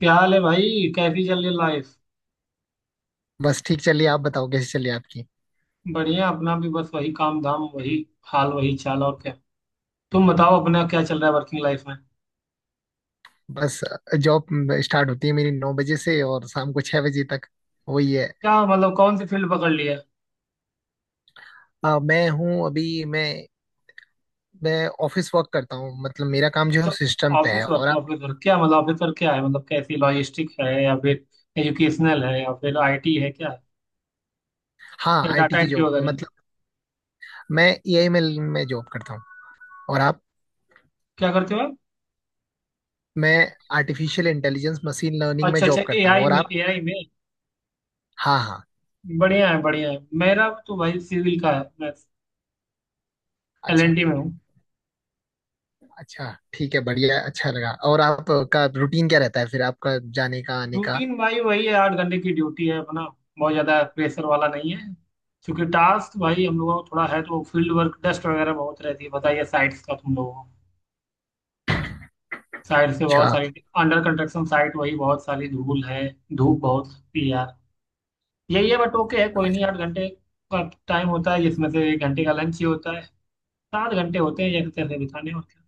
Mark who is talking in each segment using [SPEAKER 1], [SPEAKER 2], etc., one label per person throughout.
[SPEAKER 1] क्या हाल है भाई। कैसी चल रही लाइफ।
[SPEAKER 2] बस ठीक। चलिए, आप बताओ कैसी चलिए आपकी।
[SPEAKER 1] बढ़िया, अपना भी बस वही काम धाम, वही हाल वही चाल, और क्या। तुम बताओ, अपना क्या चल रहा है वर्किंग लाइफ में।
[SPEAKER 2] बस। जॉब स्टार्ट होती है मेरी 9 बजे से और शाम को 6 बजे तक। वही है।
[SPEAKER 1] क्या मतलब, कौन सी फील्ड पकड़ ली है।
[SPEAKER 2] अ, मैं हूँ अभी मैं मैं ऑफिस वर्क करता हूँ, मतलब मेरा काम जो
[SPEAKER 1] अच्छा।
[SPEAKER 2] है सिस्टम पे है।
[SPEAKER 1] ऑफिस
[SPEAKER 2] और
[SPEAKER 1] वर्क
[SPEAKER 2] आप?
[SPEAKER 1] ऑफिस वर्क, क्या मतलब ऑफिस वर्क क्या है, मतलब कैसी लॉजिस्टिक है या फिर एजुकेशनल है या फिर आईटी है क्या।
[SPEAKER 2] हाँ,
[SPEAKER 1] या डाटा
[SPEAKER 2] आईटी की
[SPEAKER 1] एंट्री
[SPEAKER 2] जॉब
[SPEAKER 1] वगैरह है।
[SPEAKER 2] मतलब मैं एआई में जॉब करता हूँ। और आप?
[SPEAKER 1] क्या करते हो आप।
[SPEAKER 2] मैं आर्टिफिशियल इंटेलिजेंस मशीन लर्निंग में
[SPEAKER 1] अच्छा अच्छा,
[SPEAKER 2] जॉब करता हूँ।
[SPEAKER 1] एआई
[SPEAKER 2] और
[SPEAKER 1] में,
[SPEAKER 2] आप?
[SPEAKER 1] एआई में।
[SPEAKER 2] हाँ, हाँ।
[SPEAKER 1] बढ़िया है बढ़िया है। मेरा तो भाई सिविल का है, मैं
[SPEAKER 2] अच्छा,
[SPEAKER 1] एलएनटी में हूँ।
[SPEAKER 2] अच्छा। ठीक है, बढ़िया, अच्छा लगा। और आपका रूटीन क्या रहता है फिर, आपका जाने का आने का?
[SPEAKER 1] रूटीन भाई वही है, 8 घंटे की ड्यूटी है अपना, बहुत ज्यादा प्रेशर वाला नहीं है। क्योंकि टास्क भाई हम लोगों को थोड़ा है, तो फील्ड वर्क, डस्ट वगैरह बहुत रहती है। बताइए, साइट्स का तुम लोगों को साइट से बहुत
[SPEAKER 2] अच्छा,
[SPEAKER 1] सारी अंडर कंस्ट्रक्शन साइट, वही बहुत सारी धूल है, धूप बहुत होती है यार। यही है, बट ओके है, कोई
[SPEAKER 2] अच्छा।
[SPEAKER 1] नहीं। 8 घंटे का टाइम होता है, जिसमें से 1 घंटे का लंच ही होता है। 7 घंटे होते हैं एक तरह से बिताने, और क्या।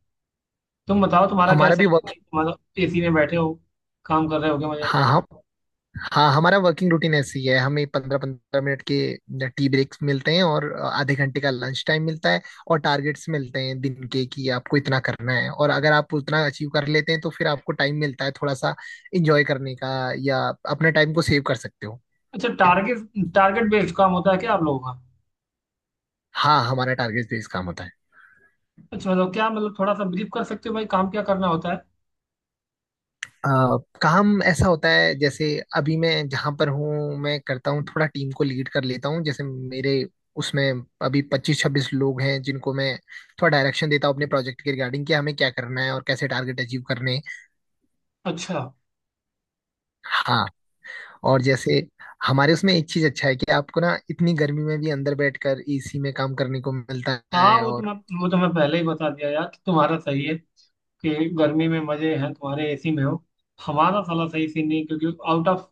[SPEAKER 1] तुम बताओ, तुम्हारा क्या
[SPEAKER 2] हमारा
[SPEAKER 1] चल
[SPEAKER 2] भी
[SPEAKER 1] रहा है
[SPEAKER 2] वर्क।
[SPEAKER 1] भाई, तुम्हारा। एसी में बैठे हो, काम कर रहे हो, क्या मजे में?
[SPEAKER 2] हाँ, हाँ। हाँ, हमारा वर्किंग रूटीन ऐसी है, हमें 15-15 मिनट के टी ब्रेक्स मिलते हैं और आधे घंटे का लंच टाइम मिलता है। और टारगेट्स मिलते हैं दिन के कि आपको इतना करना है, और अगर आप उतना अचीव कर लेते हैं तो फिर आपको टाइम मिलता है थोड़ा सा इंजॉय करने का, या अपने टाइम को सेव कर सकते हो।
[SPEAKER 1] अच्छा, टारगेट, टारगेट बेस्ड काम होता है क्या आप लोगों का।
[SPEAKER 2] हाँ, हमारा टारगेट बेस्ड काम होता है।
[SPEAKER 1] अच्छा, मतलब क्या, मतलब थोड़ा सा ब्रीफ कर सकते हो भाई, काम क्या करना होता है।
[SPEAKER 2] अ, काम ऐसा होता है, जैसे अभी मैं जहां पर हूँ, मैं करता हूँ, थोड़ा टीम को लीड कर लेता हूँ। जैसे मेरे उसमें अभी 25-26 लोग हैं, जिनको मैं थोड़ा डायरेक्शन देता हूँ अपने प्रोजेक्ट के रिगार्डिंग कि हमें क्या करना है और कैसे टारगेट अचीव करने हैं।
[SPEAKER 1] अच्छा।
[SPEAKER 2] हाँ। और जैसे हमारे उसमें एक चीज अच्छा है कि आपको ना, इतनी गर्मी में भी अंदर बैठकर एसी में काम करने को मिलता
[SPEAKER 1] हाँ,
[SPEAKER 2] है।
[SPEAKER 1] वो तो
[SPEAKER 2] और
[SPEAKER 1] मैं वो तो मैं पहले ही बता दिया यार कि तुम्हारा सही है, कि गर्मी में मजे हैं तुम्हारे, एसी में हो। हमारा साला सही सीन नहीं, क्योंकि आउट ऑफ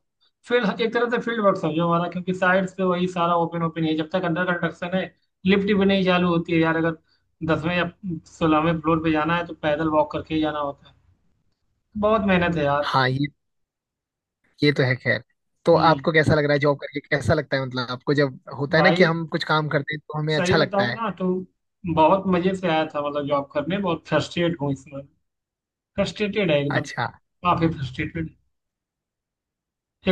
[SPEAKER 1] फील्ड, एक तरह से फील्ड वर्क समझो हमारा, क्योंकि साइड से वही सारा ओपन ओपन है जब तक अंडर कंस्ट्रक्शन है। लिफ्ट भी नहीं चालू होती है यार, अगर 10वें या 16वें फ्लोर पे जाना है, तो पैदल वॉक करके ही जाना होता है। बहुत मेहनत है यार।
[SPEAKER 2] हाँ, ये तो है खैर। तो
[SPEAKER 1] हम्म।
[SPEAKER 2] आपको कैसा लग रहा है जॉब करके? कैसा लगता है, मतलब आपको जब होता है ना कि
[SPEAKER 1] भाई
[SPEAKER 2] हम कुछ काम करते हैं तो हमें
[SPEAKER 1] सही
[SPEAKER 2] अच्छा लगता
[SPEAKER 1] बताऊं
[SPEAKER 2] है।
[SPEAKER 1] ना, तो बहुत मजे से आया था मतलब जॉब करने, बहुत फ्रस्ट्रेट हूँ इसमें। फ्रस्ट्रेटेड है एकदम,
[SPEAKER 2] अच्छा।
[SPEAKER 1] काफी फ्रस्ट्रेटेड।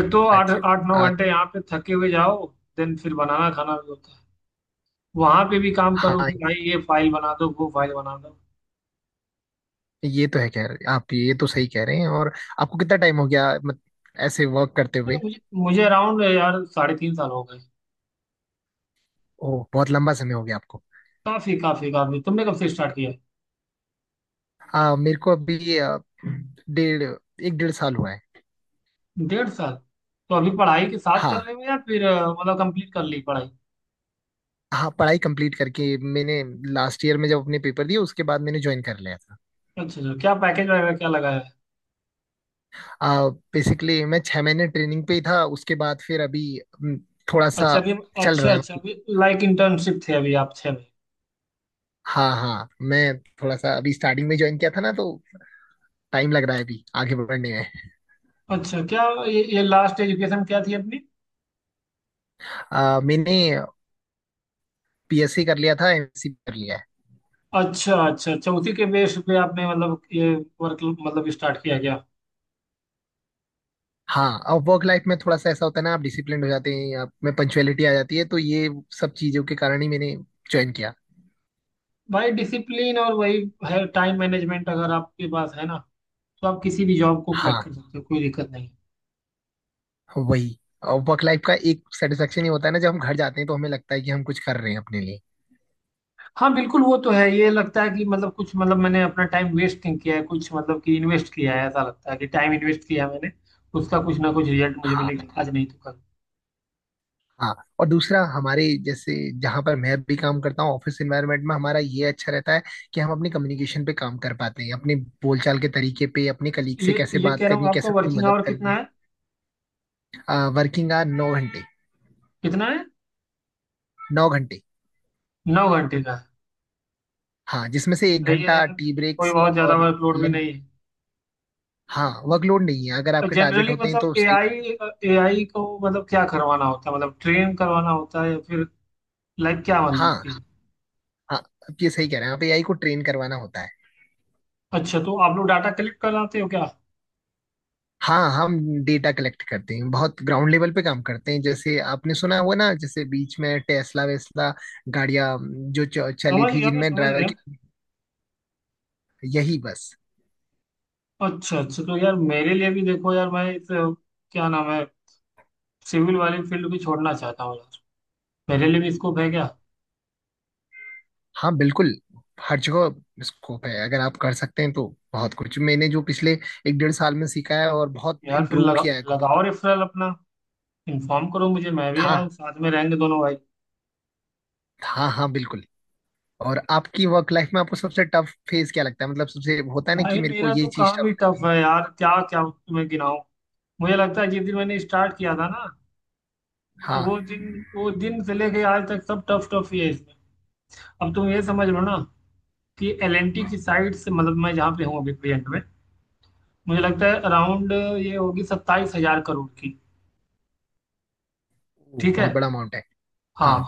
[SPEAKER 1] एक तो आठ
[SPEAKER 2] अच्छा।
[SPEAKER 1] आठ नौ
[SPEAKER 2] आ,
[SPEAKER 1] घंटे यहाँ पे थके हुए जाओ, देन फिर बनाना खाना भी होता है, वहां पे भी काम करो
[SPEAKER 2] हाँ,
[SPEAKER 1] कि भाई ये फाइल बना दो वो फाइल बना दो।
[SPEAKER 2] ये तो है, कह रहे आप, ये तो सही कह रहे हैं। और आपको कितना टाइम हो गया मत, ऐसे वर्क करते
[SPEAKER 1] अरे
[SPEAKER 2] हुए?
[SPEAKER 1] मुझे मुझे अराउंड यार 3.5 साल हो गए।
[SPEAKER 2] ओह, बहुत लंबा समय हो गया आपको।
[SPEAKER 1] काफी काफी काफी। तुमने कब से स्टार्ट किया है?
[SPEAKER 2] मेरे को अभी आ, डेढ़ एक डेढ़ साल हुआ है।
[SPEAKER 1] 1.5 साल। तो अभी पढ़ाई के साथ कर
[SPEAKER 2] हाँ,
[SPEAKER 1] रहे हो, या फिर मतलब कंप्लीट कर ली पढ़ाई।
[SPEAKER 2] हाँ। पढ़ाई कंप्लीट करके मैंने लास्ट ईयर में जब अपने पेपर दिए, उसके बाद मैंने ज्वाइन कर लिया था।
[SPEAKER 1] अच्छा अच्छा, क्या पैकेज वगैरह क्या लगाया है।
[SPEAKER 2] आ, बेसिकली मैं 6 महीने ट्रेनिंग पे ही था। उसके बाद फिर अभी थोड़ा
[SPEAKER 1] अच्छा,
[SPEAKER 2] सा
[SPEAKER 1] अभी।
[SPEAKER 2] चल
[SPEAKER 1] अच्छा
[SPEAKER 2] रहा है।
[SPEAKER 1] अच्छा, अभी लाइक इंटर्नशिप थे अभी आप छह में।
[SPEAKER 2] हाँ, हाँ। मैं थोड़ा सा अभी स्टार्टिंग में ज्वाइन किया था ना, तो टाइम लग रहा है अभी आगे बढ़ने में।
[SPEAKER 1] अच्छा, क्या ये लास्ट एजुकेशन क्या थी अपनी।
[SPEAKER 2] मैंने पीएससी कर लिया था, एमएससी कर लिया है।
[SPEAKER 1] अच्छा अच्छा अच्छा, उसी के बेस पे आपने मतलब ये वर्क मतलब स्टार्ट किया गया।
[SPEAKER 2] हाँ, अब वर्क लाइफ में थोड़ा सा ऐसा होता है ना, आप डिसिप्लिन हो जाते हैं, आप में पंचुअलिटी आ जाती है, तो ये सब चीजों के कारण ही मैंने ज्वाइन किया।
[SPEAKER 1] भाई डिसिप्लिन, और वही है टाइम मैनेजमेंट, अगर आपके पास है ना, तो आप किसी भी जॉब को क्रैक
[SPEAKER 2] हाँ,
[SPEAKER 1] कर सकते हो, कोई दिक्कत नहीं।
[SPEAKER 2] वही। और वर्क लाइफ का एक सेटिस्फेक्शन ही होता है ना, जब हम घर जाते हैं तो हमें लगता है कि हम कुछ कर रहे हैं अपने लिए।
[SPEAKER 1] हाँ बिल्कुल, वो तो है। ये लगता है कि मतलब कुछ, मतलब मैंने अपना टाइम वेस्ट नहीं किया है कुछ, मतलब कि इन्वेस्ट किया है, ऐसा लगता है कि टाइम इन्वेस्ट किया है मैंने। उसका कुछ ना कुछ रिजल्ट मुझे
[SPEAKER 2] हाँ,
[SPEAKER 1] मिलेगा, आज नहीं तो कल।
[SPEAKER 2] हाँ। और दूसरा, हमारे जैसे जहाँ पर मैं भी काम करता हूँ ऑफिस एनवायरनमेंट में, हमारा ये अच्छा रहता है कि हम अपनी कम्युनिकेशन पे काम कर पाते हैं, अपने बोलचाल के तरीके पे, अपने कलीग से
[SPEAKER 1] ये
[SPEAKER 2] कैसे
[SPEAKER 1] ये
[SPEAKER 2] बात
[SPEAKER 1] कह रहा
[SPEAKER 2] करनी
[SPEAKER 1] हूँ,
[SPEAKER 2] है,
[SPEAKER 1] आपका
[SPEAKER 2] कैसे उनकी
[SPEAKER 1] वर्किंग
[SPEAKER 2] मदद
[SPEAKER 1] आवर
[SPEAKER 2] करनी
[SPEAKER 1] कितना
[SPEAKER 2] है।
[SPEAKER 1] है।
[SPEAKER 2] वर्किंग आवर 9 घंटे।
[SPEAKER 1] कितना है।
[SPEAKER 2] नौ घंटे।
[SPEAKER 1] 9 घंटे का है।
[SPEAKER 2] हाँ, जिसमें से एक
[SPEAKER 1] सही है
[SPEAKER 2] घंटा
[SPEAKER 1] यार,
[SPEAKER 2] टी
[SPEAKER 1] कोई
[SPEAKER 2] ब्रेक्स
[SPEAKER 1] बहुत ज्यादा
[SPEAKER 2] और
[SPEAKER 1] वर्कलोड भी
[SPEAKER 2] लंच।
[SPEAKER 1] नहीं है।
[SPEAKER 2] हाँ, वर्कलोड नहीं है, अगर आपके टारगेट
[SPEAKER 1] जनरली
[SPEAKER 2] होते हैं
[SPEAKER 1] मतलब
[SPEAKER 2] तो सही।
[SPEAKER 1] एआई, एआई को मतलब क्या करवाना होता है, मतलब ट्रेन करवाना होता है, या फिर लाइक क्या मतलब
[SPEAKER 2] हाँ,
[SPEAKER 1] कि।
[SPEAKER 2] हाँ, आप ये सही कह रहे हैं, आप एआई को ट्रेन करवाना होता है।
[SPEAKER 1] अच्छा, तो आप लोग डाटा कलेक्ट कराते हो क्या।
[SPEAKER 2] हाँ, हम डेटा कलेक्ट करते हैं, बहुत ग्राउंड लेवल पे काम करते हैं। जैसे आपने सुना हुआ ना, जैसे बीच में टेस्ला वेस्ला गाड़ियाँ जो चली
[SPEAKER 1] समझ
[SPEAKER 2] थी,
[SPEAKER 1] गया, मैं
[SPEAKER 2] जिनमें
[SPEAKER 1] समझ
[SPEAKER 2] ड्राइवर
[SPEAKER 1] गया।
[SPEAKER 2] की। यही बस।
[SPEAKER 1] अच्छा अच्छा, तो यार मेरे लिए भी देखो यार, मैं इस क्या नाम है, सिविल वाली फील्ड भी छोड़ना चाहता हूँ यार। मेरे लिए भी स्कोप है क्या।
[SPEAKER 2] हाँ, बिल्कुल, हर जगह स्कोप है, अगर आप कर सकते हैं तो। बहुत कुछ मैंने जो पिछले एक डेढ़ साल में सीखा है, और बहुत
[SPEAKER 1] यार फिर
[SPEAKER 2] इम्प्रूव
[SPEAKER 1] लगा,
[SPEAKER 2] किया है खुद।
[SPEAKER 1] लगाओ रेफरल अपना, इन्फॉर्म करो मुझे, मैं भी आया
[SPEAKER 2] था।
[SPEAKER 1] हूँ, साथ में रहेंगे दोनों भाई।
[SPEAKER 2] हाँ, हाँ, बिल्कुल। और आपकी वर्क लाइफ में आपको सबसे टफ फेज क्या लगता है? मतलब सबसे होता है ना कि
[SPEAKER 1] भाई
[SPEAKER 2] मेरे को
[SPEAKER 1] मेरा
[SPEAKER 2] ये
[SPEAKER 1] तो
[SPEAKER 2] चीज
[SPEAKER 1] काम
[SPEAKER 2] टफ
[SPEAKER 1] ही टफ
[SPEAKER 2] लगती है।
[SPEAKER 1] है यार, क्या क्या तुम्हें गिनाऊं। मुझे लगता है जिस दिन मैंने स्टार्ट किया था ना, वो
[SPEAKER 2] हाँ।
[SPEAKER 1] दिन वो दिन से लेके आज तक सब टफ टफ ही है इसमें। अब तुम ये समझ लो ना, कि एलएनटी की साइड से मतलब मैं जहाँ पे हूँ अभी प्रेजेंट में, मुझे लगता है अराउंड ये होगी 27,000 करोड़ की।
[SPEAKER 2] ओ,
[SPEAKER 1] ठीक है।
[SPEAKER 2] बहुत बड़ा अमाउंट है। हाँ।
[SPEAKER 1] हाँ।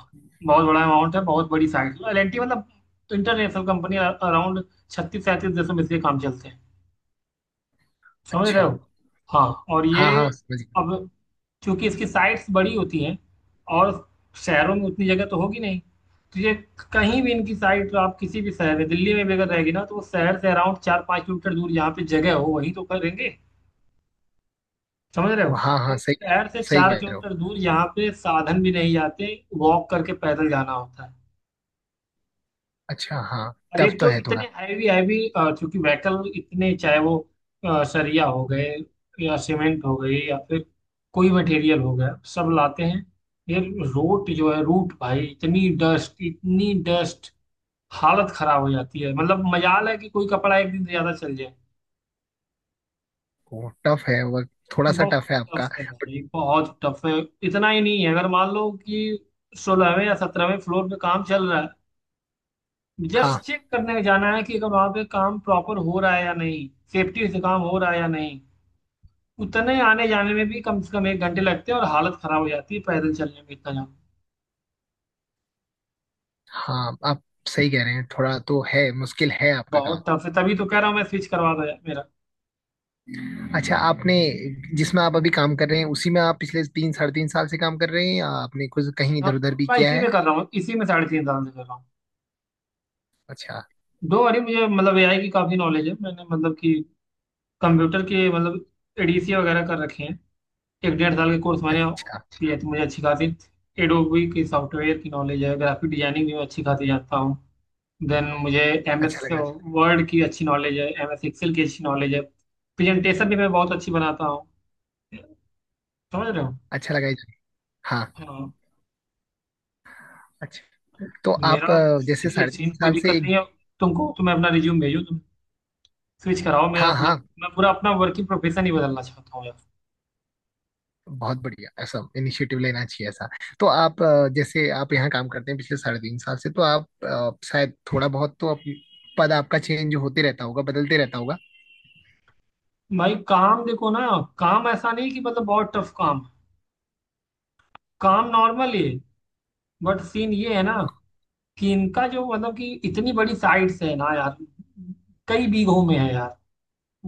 [SPEAKER 1] बहुत बड़ा अमाउंट है, बहुत बड़ी साइट है। एलएनटी मतलब इंटरनेशनल कंपनी, अराउंड 36-37 देशों में इसके काम चलते हैं, समझ रहे
[SPEAKER 2] अच्छा।
[SPEAKER 1] हो। हाँ, और ये,
[SPEAKER 2] हाँ, हाँ, समझ गया।
[SPEAKER 1] अब क्योंकि इसकी साइट्स बड़ी होती हैं, और शहरों में उतनी जगह तो होगी नहीं, तो ये कहीं भी इनकी साइट, तो आप किसी भी शहर में, दिल्ली में भी अगर रहेगी ना, तो वो शहर से अराउंड 4-5 किलोमीटर दूर जहाँ पे जगह हो वहीं तो करेंगे, समझ रहे हो।
[SPEAKER 2] वो हाँ, हाँ,
[SPEAKER 1] तो
[SPEAKER 2] सही कह रहे
[SPEAKER 1] शहर से
[SPEAKER 2] हो, सही
[SPEAKER 1] चार
[SPEAKER 2] कह रहे हो।
[SPEAKER 1] किलोमीटर दूर, जहाँ पे साधन भी नहीं जाते, वॉक करके पैदल जाना होता है।
[SPEAKER 2] अच्छा, हाँ,
[SPEAKER 1] और
[SPEAKER 2] टफ
[SPEAKER 1] एक
[SPEAKER 2] तो
[SPEAKER 1] तो
[SPEAKER 2] है
[SPEAKER 1] इतने
[SPEAKER 2] थोड़ा।
[SPEAKER 1] हैवी हैवी क्योंकि व्हीकल, इतने चाहे वो सरिया हो गए, या सीमेंट हो गई, या फिर कोई मटेरियल हो गया, सब लाते हैं। ये रोड जो है रूट भाई, इतनी डस्ट, इतनी डस्ट, हालत खराब हो जाती है। मतलब मजाल है कि कोई कपड़ा एक दिन ज्यादा चल जाए।
[SPEAKER 2] वो टफ है वर्क, थोड़ा सा
[SPEAKER 1] बहुत
[SPEAKER 2] टफ है आपका,
[SPEAKER 1] टफ है
[SPEAKER 2] बट
[SPEAKER 1] भाई, बहुत टफ है। इतना ही नहीं है, अगर मान लो कि 16वें या 17वें फ्लोर पे काम चल रहा है, जस्ट
[SPEAKER 2] हाँ,
[SPEAKER 1] चेक करने जाना है कि अगर वहां पे काम प्रॉपर हो रहा है या नहीं, सेफ्टी से काम हो रहा है या नहीं, उतने आने जाने में भी कम से कम 1 घंटे लगते हैं, और हालत खराब हो जाती है पैदल चलने में, इतना जाम।
[SPEAKER 2] हाँ, आप सही कह रहे हैं, थोड़ा तो है, मुश्किल है आपका काम।
[SPEAKER 1] बहुत टफ है, तभी तो कह रहा हूँ मैं, स्विच करवा दो यार मेरा।
[SPEAKER 2] अच्छा, आपने जिसमें आप अभी काम कर रहे हैं उसी में आप पिछले तीन साढ़े तीन साल से काम कर रहे हैं, या आपने कुछ कहीं
[SPEAKER 1] हाँ,
[SPEAKER 2] इधर उधर भी
[SPEAKER 1] मैं
[SPEAKER 2] किया
[SPEAKER 1] इसी
[SPEAKER 2] है?
[SPEAKER 1] में कर रहा हूँ, इसी में 3.5 साल से कर रहा हूँ।
[SPEAKER 2] अच्छा,
[SPEAKER 1] दो, अरे मुझे मतलब एआई की काफी नॉलेज है, मैंने मतलब कि कंप्यूटर के मतलब एडीसी वगैरह कर रखे हैं, 1-1.5 साल के कोर्स मैंने
[SPEAKER 2] अच्छा।
[SPEAKER 1] किया, तो मुझे अच्छी खासी एडोबी की सॉफ्टवेयर की नॉलेज है। ग्राफिक डिजाइनिंग भी मैं अच्छी खासी जानता हूँ। देन मुझे एम
[SPEAKER 2] अच्छा
[SPEAKER 1] एस
[SPEAKER 2] लगा।
[SPEAKER 1] वर्ड की अच्छी नॉलेज है, एम एस एक्सेल की अच्छी नॉलेज है, प्रेजेंटेशन भी मैं बहुत अच्छी बनाता हूँ, समझ रहे हो।
[SPEAKER 2] अच्छा लगा हाँ।
[SPEAKER 1] हाँ।
[SPEAKER 2] अच्छा,
[SPEAKER 1] तो
[SPEAKER 2] तो आप
[SPEAKER 1] मेरा
[SPEAKER 2] जैसे
[SPEAKER 1] सही है
[SPEAKER 2] साढ़े तीन
[SPEAKER 1] सीन, कोई
[SPEAKER 2] साल से
[SPEAKER 1] दिक्कत
[SPEAKER 2] एक।
[SPEAKER 1] नहीं है। तुमको तो मैं अपना रिज्यूम भेजो, तुम स्विच कराओ मैं
[SPEAKER 2] हाँ,
[SPEAKER 1] अपना।
[SPEAKER 2] हाँ।
[SPEAKER 1] मैं पूरा अपना वर्किंग प्रोफेशन ही बदलना चाहता हूँ यार।
[SPEAKER 2] बहुत बढ़िया, ऐसा इनिशिएटिव लेना चाहिए ऐसा। तो आप जैसे आप यहाँ काम करते हैं पिछले साढ़े तीन साल से, तो आप शायद थोड़ा बहुत, पद आपका चेंज होते रहता होगा, बदलते रहता होगा।
[SPEAKER 1] भाई काम देखो ना, काम ऐसा नहीं कि मतलब बहुत टफ काम, काम नॉर्मल ही है, बट सीन ये है ना कि इनका जो मतलब कि इतनी बड़ी साइट्स है ना यार, कई बीघों में है यार।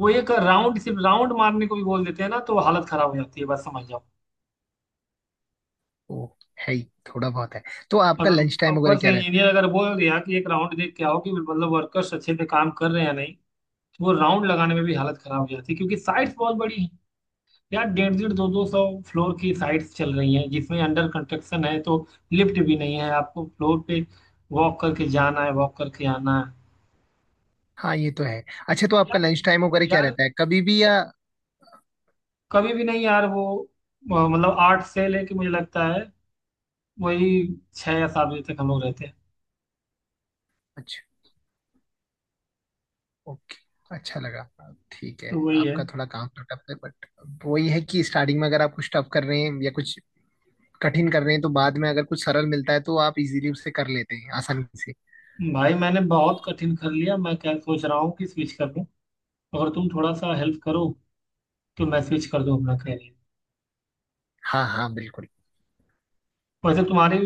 [SPEAKER 1] वो एक राउंड, सिर्फ राउंड मारने को भी बोल देते हैं ना, तो हालत खराब हो जाती है, बस समझ जाओ।
[SPEAKER 2] ओ, है ही, थोड़ा बहुत है। तो आपका
[SPEAKER 1] अगर
[SPEAKER 2] लंच टाइम वगैरह
[SPEAKER 1] ऊपर से
[SPEAKER 2] क्या रहता है?
[SPEAKER 1] इंजीनियर अगर बोल दिया कि एक राउंड देख के आओ, कि मतलब वर्कर्स अच्छे से काम कर रहे हैं या नहीं, तो वो राउंड लगाने में भी हालत खराब हो जाती है क्योंकि साइट्स बहुत बड़ी हैं यार। डेढ़ डेढ़, 2-2 सौ फ्लोर की साइट्स चल रही हैं, जिसमें अंडर कंस्ट्रक्शन है, तो लिफ्ट भी नहीं है, आपको फ्लोर पे वॉक करके जाना है, वॉक करके आना है।
[SPEAKER 2] हाँ, ये तो है। अच्छा, तो आपका
[SPEAKER 1] यार,
[SPEAKER 2] लंच टाइम वगैरह क्या
[SPEAKER 1] यार,
[SPEAKER 2] रहता है, कभी भी या?
[SPEAKER 1] कभी भी नहीं यार। वो मतलब 8 से लेके मुझे लगता है, वही 6 या 7 बजे तक हम लोग रहते हैं।
[SPEAKER 2] अच्छा, ओके, अच्छा लगा, ठीक है।
[SPEAKER 1] तो वही है।
[SPEAKER 2] आपका थोड़ा काम तो टफ है, बट वही है कि स्टार्टिंग में अगर आप कुछ टफ कर रहे हैं या कुछ कठिन कर रहे हैं, तो बाद में अगर कुछ सरल मिलता है तो आप इजीली उसे कर लेते हैं, आसानी से।
[SPEAKER 1] भाई मैंने बहुत कठिन कर लिया, मैं क्या सोच रहा हूँ कि स्विच कर दूं, अगर तुम थोड़ा सा हेल्प करो, तो मैं स्विच कर दूं अपना करियर।
[SPEAKER 2] हाँ, हाँ, बिल्कुल।
[SPEAKER 1] वैसे तुम्हारी,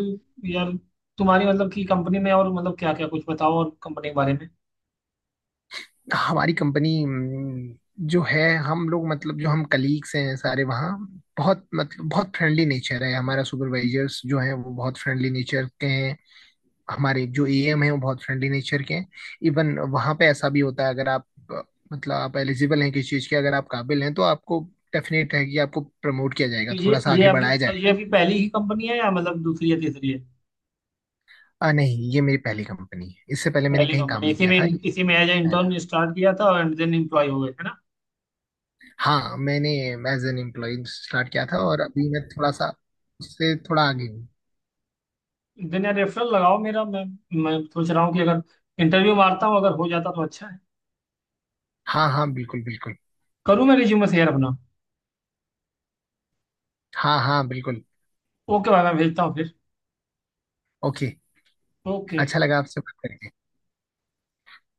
[SPEAKER 1] यार तुम्हारी मतलब कि कंपनी में, और मतलब क्या क्या कुछ बताओ और कंपनी के बारे में।
[SPEAKER 2] हमारी कंपनी जो है, हम लोग मतलब जो हम कलीग्स हैं सारे वहाँ, बहुत मतलब बहुत फ्रेंडली नेचर है हमारा। सुपरवाइजर्स जो है वो बहुत फ्रेंडली नेचर के हैं, हमारे जो एएम है वो बहुत फ्रेंडली नेचर के हैं। इवन वहाँ पे ऐसा भी होता है, अगर आप मतलब आप एलिजिबल हैं किसी चीज़ के, अगर आप काबिल हैं तो आपको डेफिनेट है कि आपको प्रमोट किया
[SPEAKER 1] तो
[SPEAKER 2] जाएगा, थोड़ा सा आगे बढ़ाया
[SPEAKER 1] ये
[SPEAKER 2] जाएगा।
[SPEAKER 1] आपकी पहली ही कंपनी है, या मतलब दूसरी या तीसरी है।
[SPEAKER 2] नहीं, ये मेरी पहली कंपनी है, इससे पहले मैंने
[SPEAKER 1] पहली
[SPEAKER 2] कहीं काम
[SPEAKER 1] कंपनी,
[SPEAKER 2] नहीं
[SPEAKER 1] इसी
[SPEAKER 2] किया
[SPEAKER 1] में,
[SPEAKER 2] था, ये
[SPEAKER 1] इसी में एज
[SPEAKER 2] पहला।
[SPEAKER 1] इंटर्न स्टार्ट किया था एंड देन एम्प्लॉय हो गए, है ना।
[SPEAKER 2] हाँ, मैंने एज एन एम्प्लॉय स्टार्ट किया था, और अभी मैं थोड़ा सा उससे थोड़ा आगे हूँ।
[SPEAKER 1] देन यार रेफरल लगाओ मेरा, मैं सोच रहा हूँ कि अगर इंटरव्यू मारता हूँ, अगर हो जाता तो अच्छा है।
[SPEAKER 2] हाँ, हाँ, बिल्कुल, बिल्कुल।
[SPEAKER 1] करूँ मैं रिज्यूमे शेयर अपना।
[SPEAKER 2] हाँ, हाँ, बिल्कुल।
[SPEAKER 1] ओके भाई, मैं भेजता हूँ फिर।
[SPEAKER 2] Okay,
[SPEAKER 1] okay.
[SPEAKER 2] अच्छा लगा आपसे बात करके।